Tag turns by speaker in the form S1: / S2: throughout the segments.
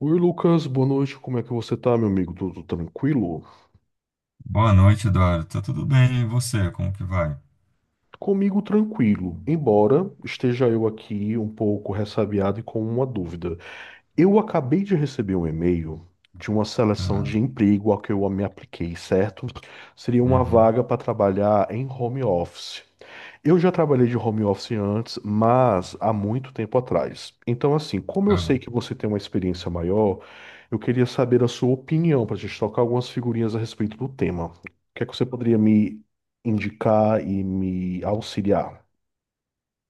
S1: Oi, Lucas, boa noite. Como é que você tá, meu amigo? Tudo tranquilo?
S2: Boa noite, Eduardo. Tá tudo bem? E você? Como que vai?
S1: Comigo tranquilo, embora esteja eu aqui um pouco ressabiado e com uma dúvida. Eu acabei de receber um e-mail de uma seleção
S2: Ah.
S1: de emprego ao que eu me apliquei, certo? Seria uma
S2: Uhum.
S1: vaga para trabalhar em home office. Eu já trabalhei de home office antes, mas há muito tempo atrás. Então, assim, como eu sei
S2: Ah.
S1: que você tem uma experiência maior, eu queria saber a sua opinião para a gente trocar algumas figurinhas a respeito do tema. O que é que você poderia me indicar e me auxiliar?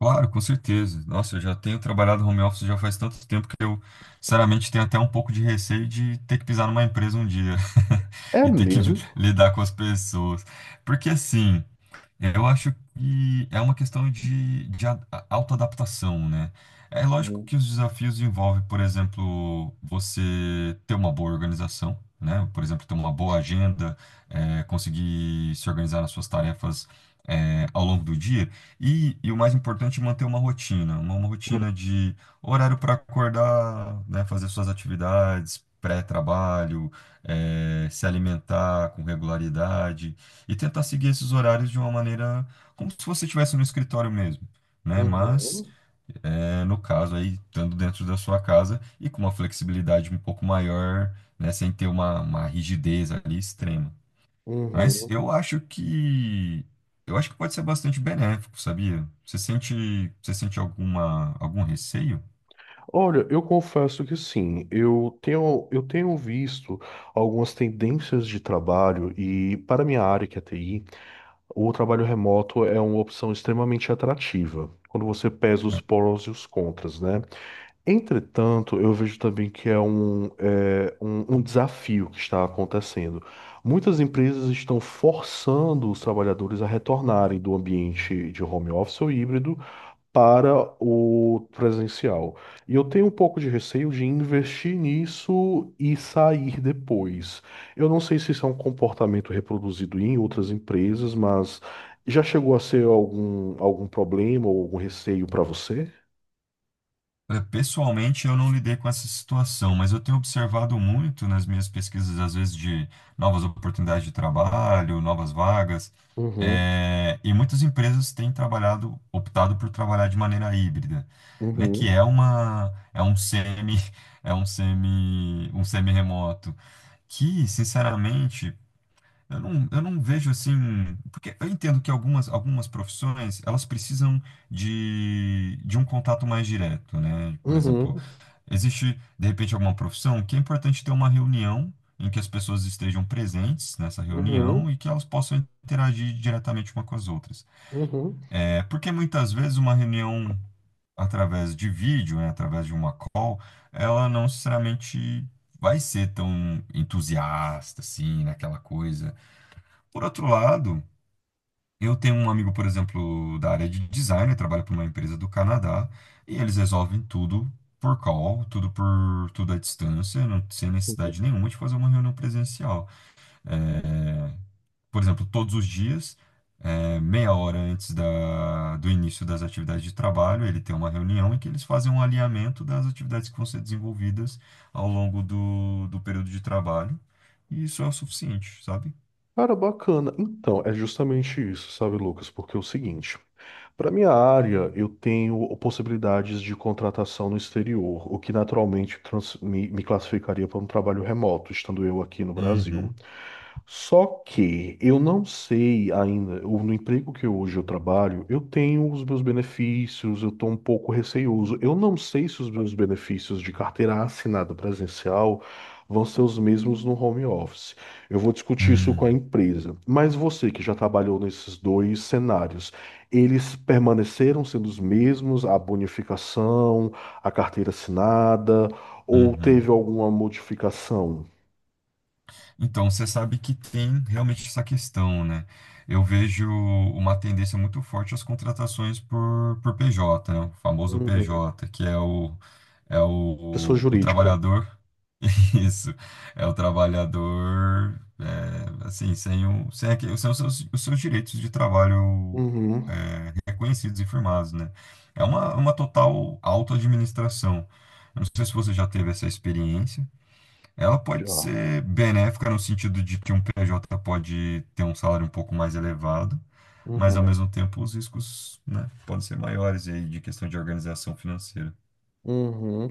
S2: Claro, com certeza. Nossa, eu já tenho trabalhado home office já faz tanto tempo que eu, sinceramente, tenho até um pouco de receio de ter que pisar numa empresa um dia
S1: É
S2: e ter que
S1: mesmo?
S2: lidar com as pessoas. Porque assim, eu acho que é uma questão de autoadaptação, né? É lógico
S1: Uhum.
S2: que os desafios envolvem, por exemplo, você ter uma boa organização, né? Por exemplo, ter uma boa agenda, conseguir se organizar nas suas tarefas, ao longo do dia. E o mais importante, é manter uma rotina, uma rotina de horário para acordar, né? Fazer suas atividades, pré-trabalho, se alimentar com regularidade e tentar seguir esses horários de uma maneira como se você estivesse no escritório mesmo, né? Mas,
S1: Uhum.
S2: no caso aí, estando dentro da sua casa e com uma flexibilidade um pouco maior, né? Sem ter uma rigidez ali extrema. Mas
S1: Uhum.
S2: eu acho que pode ser bastante benéfico, sabia? Você sente alguma, algum receio?
S1: Olha, eu confesso que sim, eu tenho visto algumas tendências de trabalho e, para minha área, que é TI, o trabalho remoto é uma opção extremamente atrativa, quando você pesa os prós e os contras, né? Entretanto, eu vejo também que é um desafio que está acontecendo. Muitas empresas estão forçando os trabalhadores a retornarem do ambiente de home office ou híbrido para o presencial. E eu tenho um pouco de receio de investir nisso e sair depois. Eu não sei se isso é um comportamento reproduzido em outras empresas, mas já chegou a ser algum problema ou algum receio para você?
S2: Olha, pessoalmente, eu não lidei com essa situação, mas eu tenho observado muito nas minhas pesquisas, às vezes, de novas oportunidades de trabalho, novas vagas,
S1: Uhum,
S2: e muitas empresas têm trabalhado, optado por trabalhar de maneira híbrida, né, que
S1: uhum,
S2: é uma, é um semi, um semi-remoto, que, sinceramente, eu não vejo assim, porque eu entendo que algumas profissões, elas precisam de um contato mais direto, né? Por exemplo,
S1: uhum,
S2: existe, de repente, alguma profissão que é importante ter uma reunião em que as pessoas estejam presentes nessa reunião
S1: uhum,
S2: e que elas possam interagir diretamente uma com as outras.
S1: uhum.
S2: É porque muitas vezes uma reunião através de vídeo, né, através de uma call, ela não necessariamente vai ser tão entusiasta assim, naquela coisa. Por outro lado, eu tenho um amigo, por exemplo, da área de design, ele trabalha para uma empresa do Canadá, e eles resolvem tudo por call, tudo por tudo à distância, sem
S1: Uhum.
S2: necessidade nenhuma de fazer uma reunião presencial. Por exemplo, todos os dias, meia hora antes do início das atividades de trabalho, ele tem uma reunião em que eles fazem um alinhamento das atividades que vão ser desenvolvidas ao longo do período de trabalho, e isso é o suficiente, sabe?
S1: Cara, bacana. Então, é justamente isso, sabe, Lucas? Porque é o seguinte. Para minha área, eu tenho possibilidades de contratação no exterior, o que naturalmente me classificaria para um trabalho remoto, estando eu aqui no Brasil.
S2: Uhum.
S1: Só que eu não sei ainda, no emprego hoje eu trabalho, eu tenho os meus benefícios, eu estou um pouco receioso. Eu não sei se os meus benefícios de carteira assinada presencial vão ser os mesmos no home office. Eu vou discutir isso com a
S2: Hum.
S1: empresa. Mas você que já trabalhou nesses dois cenários, eles permaneceram sendo os mesmos, a bonificação, a carteira assinada, ou
S2: Uhum.
S1: teve alguma modificação?
S2: Então, você sabe que tem realmente essa questão, né? Eu vejo uma tendência muito forte às contratações por PJ, né? O famoso
S1: Uhum.
S2: PJ, que é o, é
S1: Pessoa
S2: o, o,
S1: jurídica.
S2: trabalhador. Isso, é o trabalhador, assim, sem, o, sem, aque- sem os seus direitos de trabalho
S1: Uhum,
S2: reconhecidos e firmados, né? É uma total auto-administração. Eu não sei se você já teve essa experiência. Ela pode
S1: já.
S2: ser benéfica no sentido de que um PJ pode ter um salário um pouco mais elevado, mas ao
S1: Uhum,
S2: mesmo tempo os riscos, né, podem ser maiores e aí de questão de organização financeira.
S1: uhum.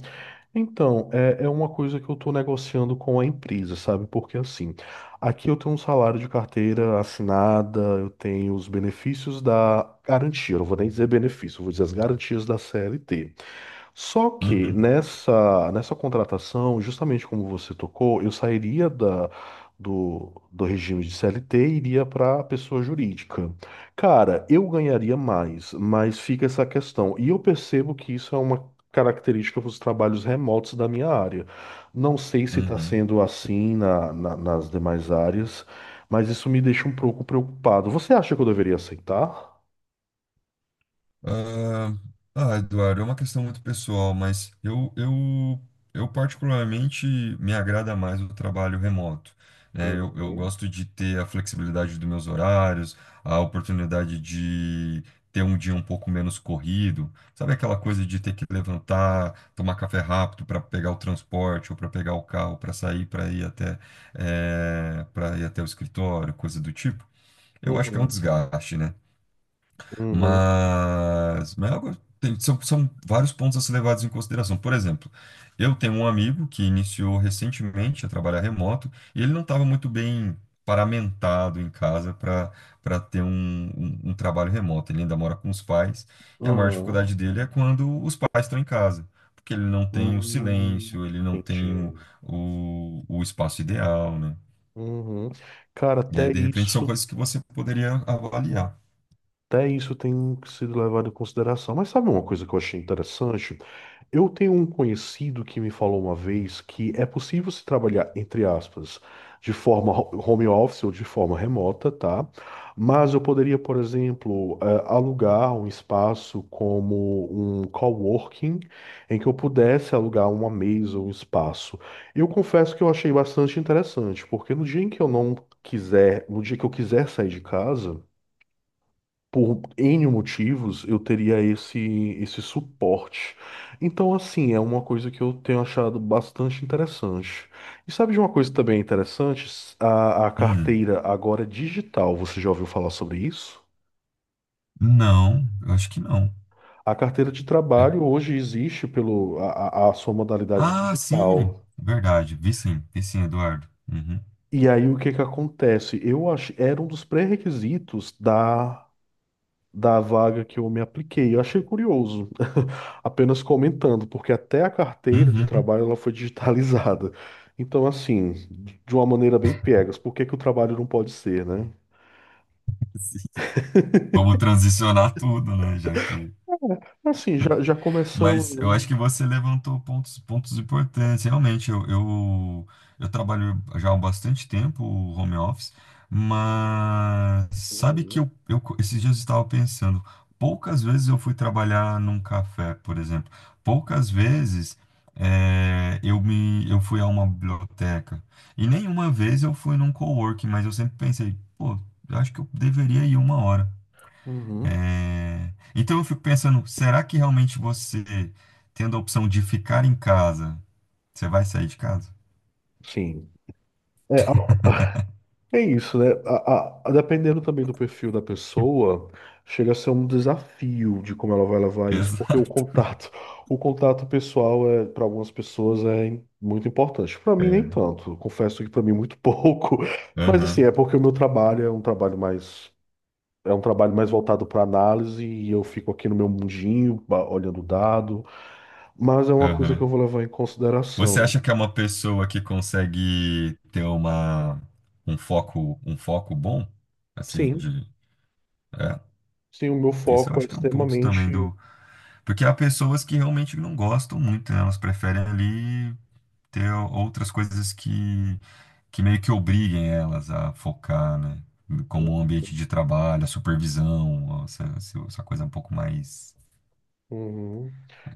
S1: Então, é uma coisa que eu estou negociando com a empresa, sabe? Porque assim, aqui eu tenho um salário de carteira assinada, eu tenho os benefícios da garantia, eu não vou nem dizer benefício, eu vou dizer as garantias da CLT. Só que
S2: Uhum,
S1: nessa contratação, justamente como você tocou, eu sairia da, do regime de CLT e iria para a pessoa jurídica. Cara, eu ganharia mais, mas fica essa questão. E eu percebo que isso é uma característica dos trabalhos remotos da minha área. Não sei se está
S2: uhum.
S1: sendo assim na, nas demais áreas, mas isso me deixa um pouco preocupado. Você acha que eu deveria aceitar?
S2: Ah, ah, Eduardo, é uma questão muito pessoal, mas eu particularmente me agrada mais o trabalho remoto, né? Eu
S1: Uhum.
S2: gosto de ter a flexibilidade dos meus horários, a oportunidade de ter um dia um pouco menos corrido, sabe aquela coisa de ter que levantar, tomar café rápido para pegar o transporte ou para pegar o carro para sair para ir até o escritório, coisa do tipo. Eu acho que é um
S1: Uhum.
S2: desgaste, né?
S1: Uhum.
S2: Mas são vários pontos a ser levados em consideração. Por exemplo, eu tenho um amigo que iniciou recentemente a trabalhar remoto e ele não estava muito bem paramentado em casa para ter um trabalho remoto. Ele ainda mora com os pais e a maior
S1: Uhum.
S2: dificuldade dele é quando os pais estão em casa, porque ele não tem o
S1: Hum,
S2: silêncio, ele não tem
S1: entendi.
S2: o espaço ideal, né?
S1: Uhum. Cara,
S2: E aí, de repente, são coisas que você poderia avaliar.
S1: até isso tem sido levado em consideração. Mas sabe uma coisa que eu achei interessante? Eu tenho um conhecido que me falou uma vez que é possível se trabalhar, entre aspas, de forma home office ou de forma remota, tá? Mas eu poderia, por exemplo, alugar um espaço como um coworking, em que eu pudesse alugar uma mesa ou um espaço. Eu confesso que eu achei bastante interessante, porque no dia em que eu não quiser, no dia que eu quiser sair de casa, por N motivos, eu teria esse suporte. Então, assim, é uma coisa que eu tenho achado bastante interessante. E sabe de uma coisa também interessante? A
S2: Hum,
S1: carteira agora é digital. Você já ouviu falar sobre isso?
S2: não, eu acho que não.
S1: A carteira de
S2: É.
S1: trabalho hoje existe pelo a, a sua modalidade
S2: Ah, sim,
S1: digital.
S2: verdade. Vi sim, Eduardo. Uhum.
S1: E aí o que que acontece? Eu acho, era um dos pré-requisitos da da vaga que eu me apliquei. Eu achei curioso, apenas comentando, porque até a carteira de
S2: Uhum.
S1: trabalho ela foi digitalizada. Então, assim, de uma maneira bem piegas, por que que o trabalho não pode ser, né?
S2: Sim. Como transicionar tudo, né? Já que
S1: Assim, já
S2: Mas eu
S1: começamos.
S2: acho que você levantou pontos importantes. Realmente, eu trabalho já há bastante tempo home office, mas sabe que
S1: Uhum.
S2: esses dias eu estava pensando, poucas vezes eu fui trabalhar num café, por exemplo. Poucas vezes eu fui a uma biblioteca. E nenhuma vez eu fui num coworking, mas eu sempre pensei, pô, eu acho que eu deveria ir uma hora.
S1: Uhum.
S2: É, então eu fico pensando, será que realmente você, tendo a opção de ficar em casa, você vai sair de casa?
S1: Sim. É, é isso, né? Dependendo também do perfil da pessoa, chega a ser um desafio de como ela vai levar isso, porque
S2: Exato.
S1: o contato pessoal é para algumas pessoas muito importante. Para mim
S2: É.
S1: nem tanto. Confesso que para mim muito pouco. Mas assim,
S2: Aham,
S1: é porque o meu trabalho é um trabalho mais é um trabalho mais voltado para análise e eu fico aqui no meu mundinho, olhando o dado, mas é uma coisa que
S2: aham.
S1: eu vou levar em
S2: Você
S1: consideração.
S2: acha que é uma pessoa que consegue ter um foco bom? Assim,
S1: Sim,
S2: de. É,
S1: sim, o meu
S2: isso eu
S1: foco é
S2: acho que é um ponto também
S1: extremamente
S2: do. Porque há pessoas que realmente não gostam muito, né? Elas preferem ali ter outras coisas que meio que obriguem elas a focar, né? Como o
S1: hum.
S2: ambiente de trabalho, a supervisão, essa coisa um pouco mais.
S1: Uhum.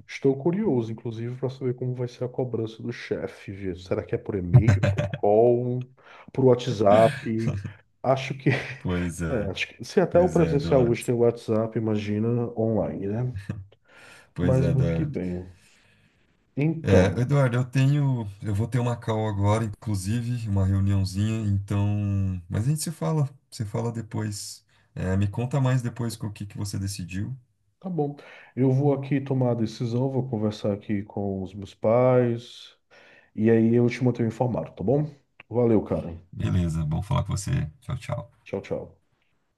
S1: Estou curioso, inclusive, para saber como vai ser a cobrança do chefe, viu? Será que é por e-mail, por call, por WhatsApp? Acho que,
S2: Pois é,
S1: acho que se até o
S2: pois é,
S1: presencial hoje
S2: Eduardo.
S1: tem WhatsApp, imagina online, né?
S2: Pois
S1: Mas
S2: é,
S1: muito que
S2: Eduardo.
S1: bem.
S2: É,
S1: Então,
S2: Eduardo, eu vou ter uma call agora, inclusive, uma reuniãozinha, então, mas a gente se fala, se fala depois. É, me conta mais depois com o que que você decidiu.
S1: tá bom. Eu vou aqui tomar a decisão, vou conversar aqui com os meus pais e aí eu te mantenho informado, tá bom? Valeu, cara.
S2: Beleza, bom falar com você. Tchau, tchau.
S1: Tchau, tchau.